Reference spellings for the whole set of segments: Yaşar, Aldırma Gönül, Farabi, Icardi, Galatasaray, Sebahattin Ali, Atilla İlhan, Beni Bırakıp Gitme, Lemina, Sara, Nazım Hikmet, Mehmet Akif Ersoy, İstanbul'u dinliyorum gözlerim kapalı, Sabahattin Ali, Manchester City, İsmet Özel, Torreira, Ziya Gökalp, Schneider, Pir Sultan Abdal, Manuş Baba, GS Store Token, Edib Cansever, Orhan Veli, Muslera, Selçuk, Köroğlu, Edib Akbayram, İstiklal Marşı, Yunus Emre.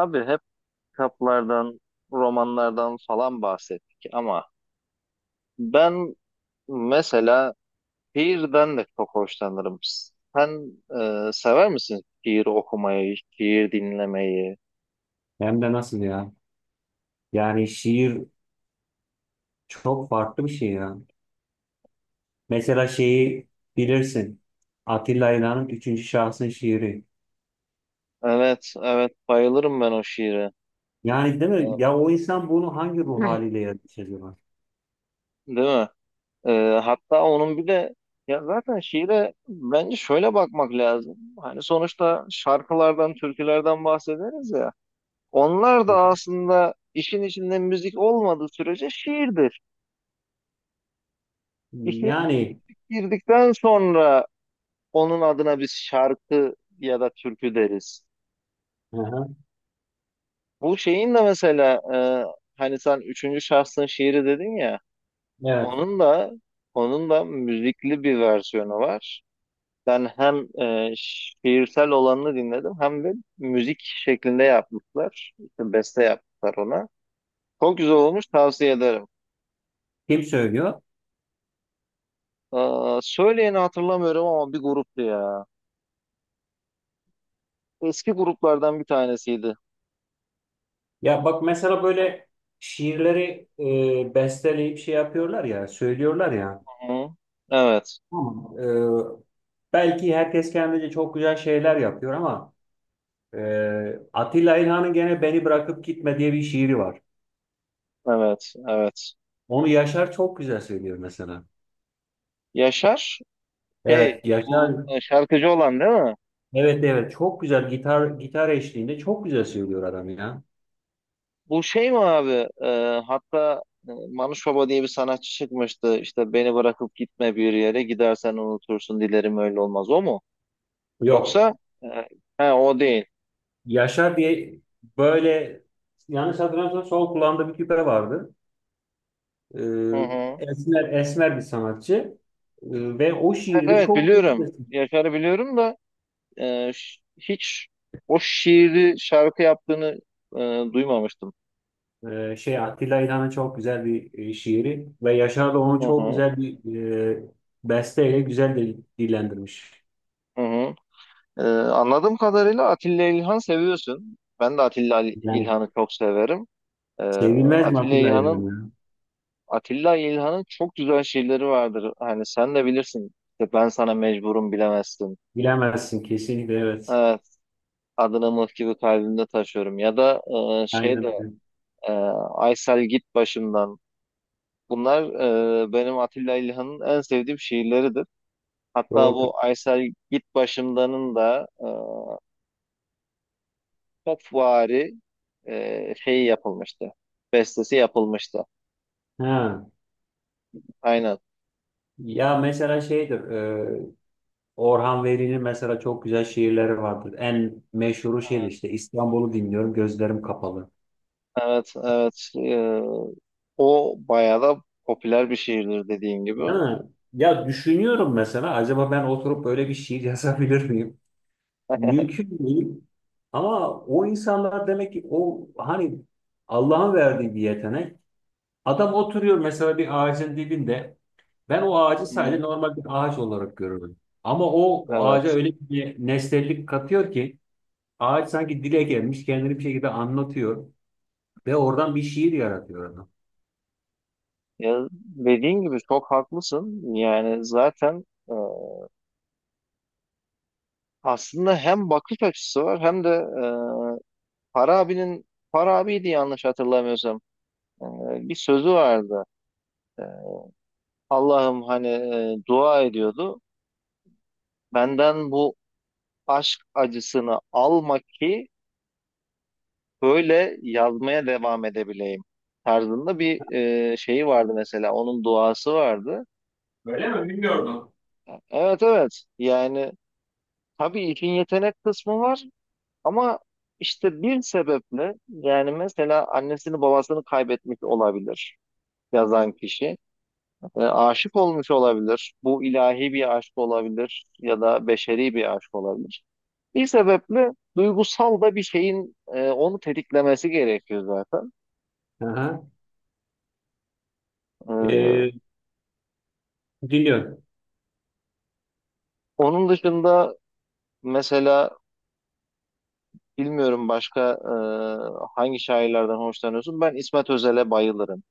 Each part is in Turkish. Abi hep kitaplardan, romanlardan falan bahsettik ama ben mesela şiirden de çok hoşlanırım. Sen sever misin şiir okumayı, şiir dinlemeyi? Hem de nasıl ya? Yani şiir çok farklı bir şey ya. Mesela şeyi bilirsin. Atilla İlhan'ın üçüncü şahsın şiiri. Evet, evet bayılırım ben o şiire. Yani değil mi? Ya o insan bunu hangi ruh haliyle yazmış acaba? Değil mi? Hatta onun bir de ya zaten şiire bence şöyle bakmak lazım. Hani sonuçta şarkılardan, türkülerden bahsederiz ya. Onlar da aslında işin içinde müzik olmadığı sürece şiirdir. İşe Yani girdikten sonra onun adına biz şarkı ya da türkü deriz. hı hı, Bu şeyin de mesela hani sen üçüncü şahsın şiiri dedin ya evet. onun da onun da müzikli bir versiyonu var. Ben hem şiirsel olanını dinledim hem de müzik şeklinde yapmışlar. İşte beste yapmışlar ona. Çok güzel olmuş tavsiye ederim. Kim söylüyor? Aa, söyleyeni hatırlamıyorum ama bir gruptu ya. Eski gruplardan bir tanesiydi. Ya bak mesela böyle şiirleri besteleyip şey yapıyorlar ya, söylüyorlar ya. Hı. Evet. Tamam. Belki herkes kendince çok güzel şeyler yapıyor ama Atilla İlhan'ın gene Beni Bırakıp Gitme diye bir şiiri var. Evet, evet. Onu Yaşar çok güzel söylüyor mesela. Yaşar, şey, Evet Yaşar, bu şarkıcı olan değil mi? evet evet çok güzel gitar eşliğinde çok güzel söylüyor adam ya. Bu şey mi abi? e, hatta Manuş Baba diye bir sanatçı çıkmıştı. İşte beni bırakıp gitme bir yere, gidersen unutursun, dilerim öyle olmaz. O mu? Yok, Yoksa e, he, o değil. Yaşar diye böyle, yanlış hatırlamıyorsam sol kulağında bir küpe vardı. Ee, Hı hı. Esmer esmer bir sanatçı. Ve o Evet, şiiri de evet çok biliyorum. güzel. Yaşar'ı biliyorum da hiç o şiiri şarkı yaptığını e, duymamıştım. Şey, Atilla İlhan'ın çok güzel bir şiiri ve Yaşar da onu Hı çok hı, güzel bir e, besteyle güzel de dillendirmiş. hı hı. Anladığım kadarıyla Atilla İlhan seviyorsun. Ben de Atilla Yani İlhan'ı çok severim. Ee, sevilmez mi Atilla Atilla İlhan İlhan'ın ya? Atilla İlhan'ın çok güzel şiirleri vardır. Hani sen de bilirsin. İşte ben sana mecburum bilemezsin. Bilemezsin kesinlikle, evet. Evet, adını mıh gibi kalbimde taşıyorum. Ya da e, şey Aynen de öyle. e, Aysel git başımdan. Bunlar benim Atilla İlhan'ın en sevdiğim şiirleridir. Hatta Doğrudur. bu Aysel git başımdanın da çok vari şeyi yapılmıştı. Bestesi yapılmıştı. Ha. Aynen. Ya mesela şeydir, e, Orhan Veli'nin mesela çok güzel şiirleri vardır. En meşhuru şeydir işte, İstanbul'u dinliyorum gözlerim kapalı. Evet, evet. O bayağı da popüler bir şiirdir dediğin gibi. Değil mi? Ya düşünüyorum mesela acaba ben oturup böyle bir şiir yazabilir miyim? Mümkün değil. Ama o insanlar demek ki o hani Allah'ın verdiği bir yetenek. Adam oturuyor mesela bir ağacın dibinde. Ben o ağacı Hı, sadece normal bir ağaç olarak görüyorum. Ama o ağaca evet. öyle bir nesnellik katıyor ki ağaç sanki dile gelmiş, kendini bir şekilde anlatıyor ve oradan bir şiir yaratıyor adam. Ya, dediğin gibi çok haklısın. Yani zaten aslında hem bakış açısı var hem de Farabi'nin Farabi'ydi yanlış hatırlamıyorsam. E, Bir sözü vardı. E, Allah'ım hani dua ediyordu. Benden bu aşk acısını alma ki böyle yazmaya devam edebileyim tarzında bir şeyi vardı mesela onun duası vardı. Öyle mi? Bilmiyordum. Evet evet yani tabii işin yetenek kısmı var ama işte bir sebeple yani mesela annesini babasını kaybetmiş olabilir yazan kişi. E, aşık olmuş olabilir. Bu ilahi bir aşk olabilir ya da beşeri bir aşk olabilir. Bir sebeple duygusal da bir şeyin onu tetiklemesi gerekiyor zaten. Hı. E, Ee, Dinliyorum. Onun dışında mesela bilmiyorum başka hangi şairlerden hoşlanıyorsun? Ben İsmet Özel'e bayılırım.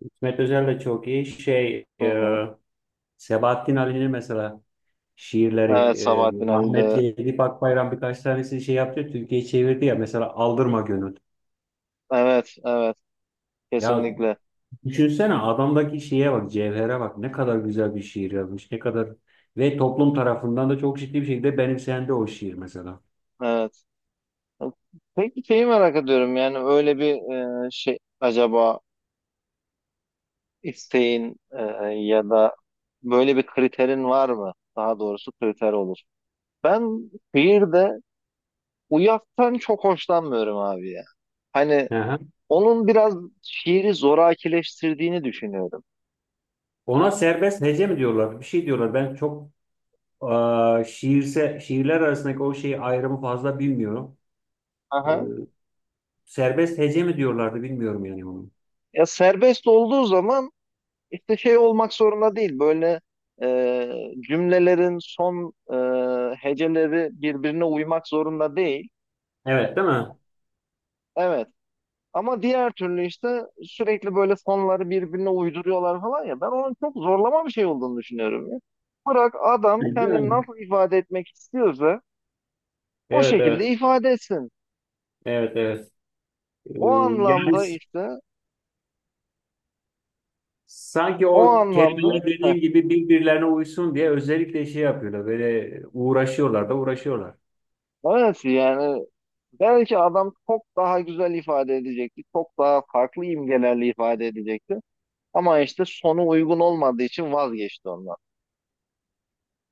İsmet Özel de çok iyi. Şey, Hı hı. Sebahattin Ali'nin mesela şiirleri, Evet Sabahattin Ali de. rahmetli Edip Akbayram birkaç tanesi şey yaptı. Türkiye'ye çevirdi ya, mesela Aldırma Gönül. Evet, evet. Ya Kesinlikle. düşünsene adamdaki şeye bak, cevhere bak. Ne kadar güzel bir şiir yazmış. Ne kadar ve toplum tarafından da çok ciddi bir şekilde benimsendi o şiir mesela. Evet. Peki şeyi merak ediyorum. Yani öyle bir şey acaba isteğin ya da böyle bir kriterin var mı? Daha doğrusu kriter olur. Ben şiirde uyaktan çok hoşlanmıyorum abi ya. Hani Aha. onun biraz şiiri zorakileştirdiğini düşünüyorum. Ona serbest hece mi diyorlar? Bir şey diyorlar. Ben çok şiirse şiirler arasındaki o şeyi, ayrımı fazla bilmiyorum. E, Aha. Serbest hece mi diyorlardı, bilmiyorum yani onu. Ya serbest olduğu zaman işte şey olmak zorunda değil. Böyle cümlelerin son heceleri birbirine uymak zorunda değil. Evet, değil mi? Evet. Ama diğer türlü işte sürekli böyle sonları birbirine uyduruyorlar falan ya. Ben onun çok zorlama bir şey olduğunu düşünüyorum ya. Bırak adam Değil kendini mi? nasıl ifade etmek istiyorsa o Evet, şekilde evet. ifade etsin. Evet, evet. Ee, O Yani anlamda işte sanki O o anlamda kelimeler heh, dediğin gibi birbirlerine uysun diye özellikle şey yapıyorlar. Böyle uğraşıyorlar da uğraşıyorlar. evet yani belki adam çok daha güzel ifade edecekti. Çok daha farklı imgelerle ifade edecekti. Ama işte sonu uygun olmadığı için vazgeçti ondan.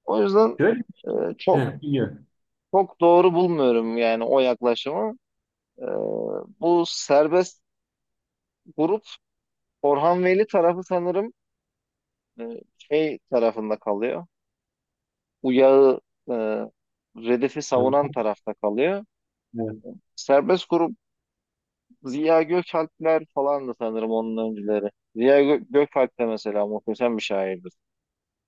O yüzden Şöyle, e, çok he, biliyorum. çok doğru bulmuyorum yani o yaklaşımı. E, Bu serbest grup Orhan Veli tarafı sanırım e, şey tarafında kalıyor. Uyağı e, Redef'i savunan Hı. tarafta kalıyor. Evet. Serbest grup Ziya Gökalpler falan da sanırım onun öncüleri. Gökalp de mesela muhteşem bir şairdir.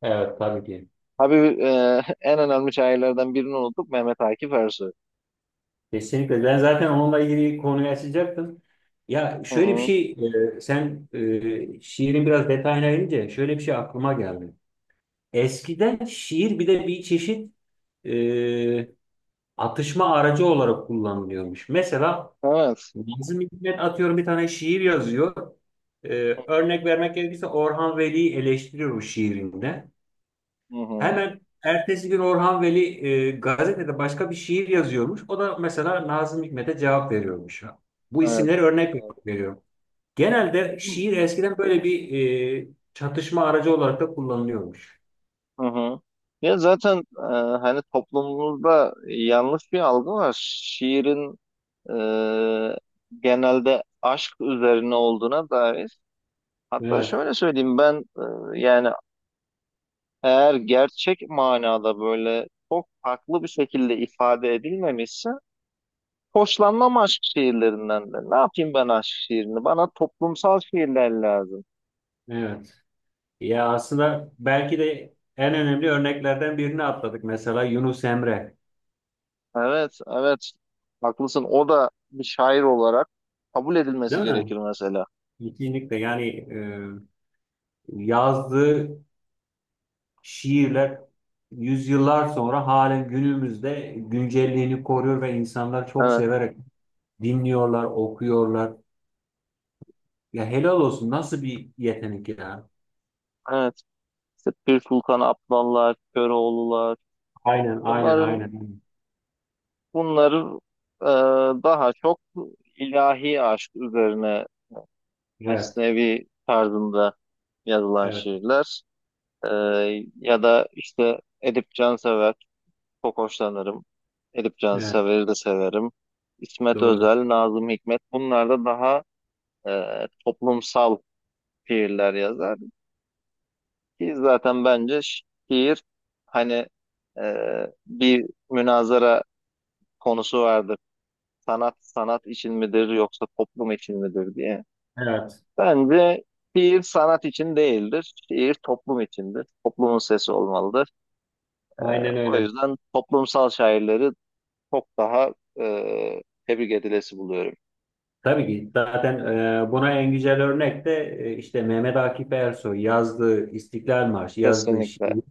Evet, tabii ki. Tabii en önemli şairlerden birini unuttuk Mehmet Akif Ersoy. Kesinlikle. Ben zaten onunla ilgili konuyu açacaktım. Ya Hı şöyle bir hı. şey, sen şiirin biraz detayına inince şöyle bir şey aklıma geldi. Eskiden şiir bir de bir çeşit e, atışma aracı olarak kullanılıyormuş. Mesela Evet. Nazım Hikmet atıyorum bir tane şiir yazıyor. Ee, Örnek vermek gerekirse Orhan Veli'yi eleştiriyor bu şiirinde. Hı hı. Hemen ertesi gün Orhan Veli gazetede başka bir şiir yazıyormuş. O da mesela Nazım Hikmet'e cevap veriyormuş. Bu Evet. isimleri örnek Evet. veriyorum. Genelde şiir eskiden böyle bir e, çatışma aracı olarak da kullanılıyormuş. Hı hı. Ya zaten hani toplumumuzda yanlış bir algı var. Şiirin e, genelde aşk üzerine olduğuna dair. Hatta Evet, şöyle söyleyeyim ben yani eğer gerçek manada böyle çok farklı bir şekilde ifade edilmemişse hoşlanmam aşk şiirlerinden de. Ne yapayım ben aşk şiirini? Bana toplumsal şiirler lazım. evet. Ya aslında belki de en önemli örneklerden birini atladık. Mesela Yunus Emre, Evet, evet. Haklısın. O da bir şair olarak kabul edilmesi değil gerekir mi? mesela. Kesinlikle yani, yazdığı şiirler yüzyıllar sonra halen günümüzde güncelliğini koruyor ve insanlar çok Evet, severek dinliyorlar, okuyorlar. Ya helal olsun, nasıl bir yetenek ya. evet. İşte Pir Sultan Abdallar, Köroğlular. Aynen, aynen, Bunların aynen. bunların e, daha çok ilahi aşk üzerine Evet, mesnevi tarzında yazılan evet, şiirler. Ya da işte Edip Cansever çok hoşlanırım. Edip evet, Cansever'i de severim. İsmet doğru. Özel, Nazım Hikmet bunlar da daha toplumsal şiirler yazar. Ki zaten bence şiir hani e, bir münazara konusu vardır. Sanat sanat için midir yoksa toplum için midir diye. Evet, Bence şiir sanat için değildir. Şiir toplum içindir. Toplumun sesi olmalıdır. aynen O öyle. yüzden toplumsal şairleri çok daha tebrik edilesi buluyorum. Tabii ki zaten buna en güzel örnek de işte Mehmet Akif Ersoy yazdığı İstiklal Marşı, yazdığı Kesinlikle, şiir.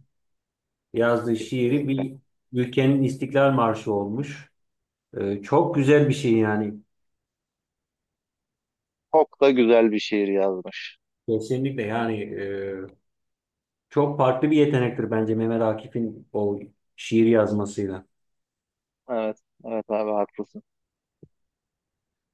Yazdığı şiiri kesinlikle. bir ülkenin İstiklal Marşı olmuş. Çok güzel bir şey yani. Çok da güzel bir şiir yazmış. Kesinlikle yani, çok farklı bir yetenektir bence Mehmet Akif'in o şiir yazmasıyla. Evet, evet abi haklısın.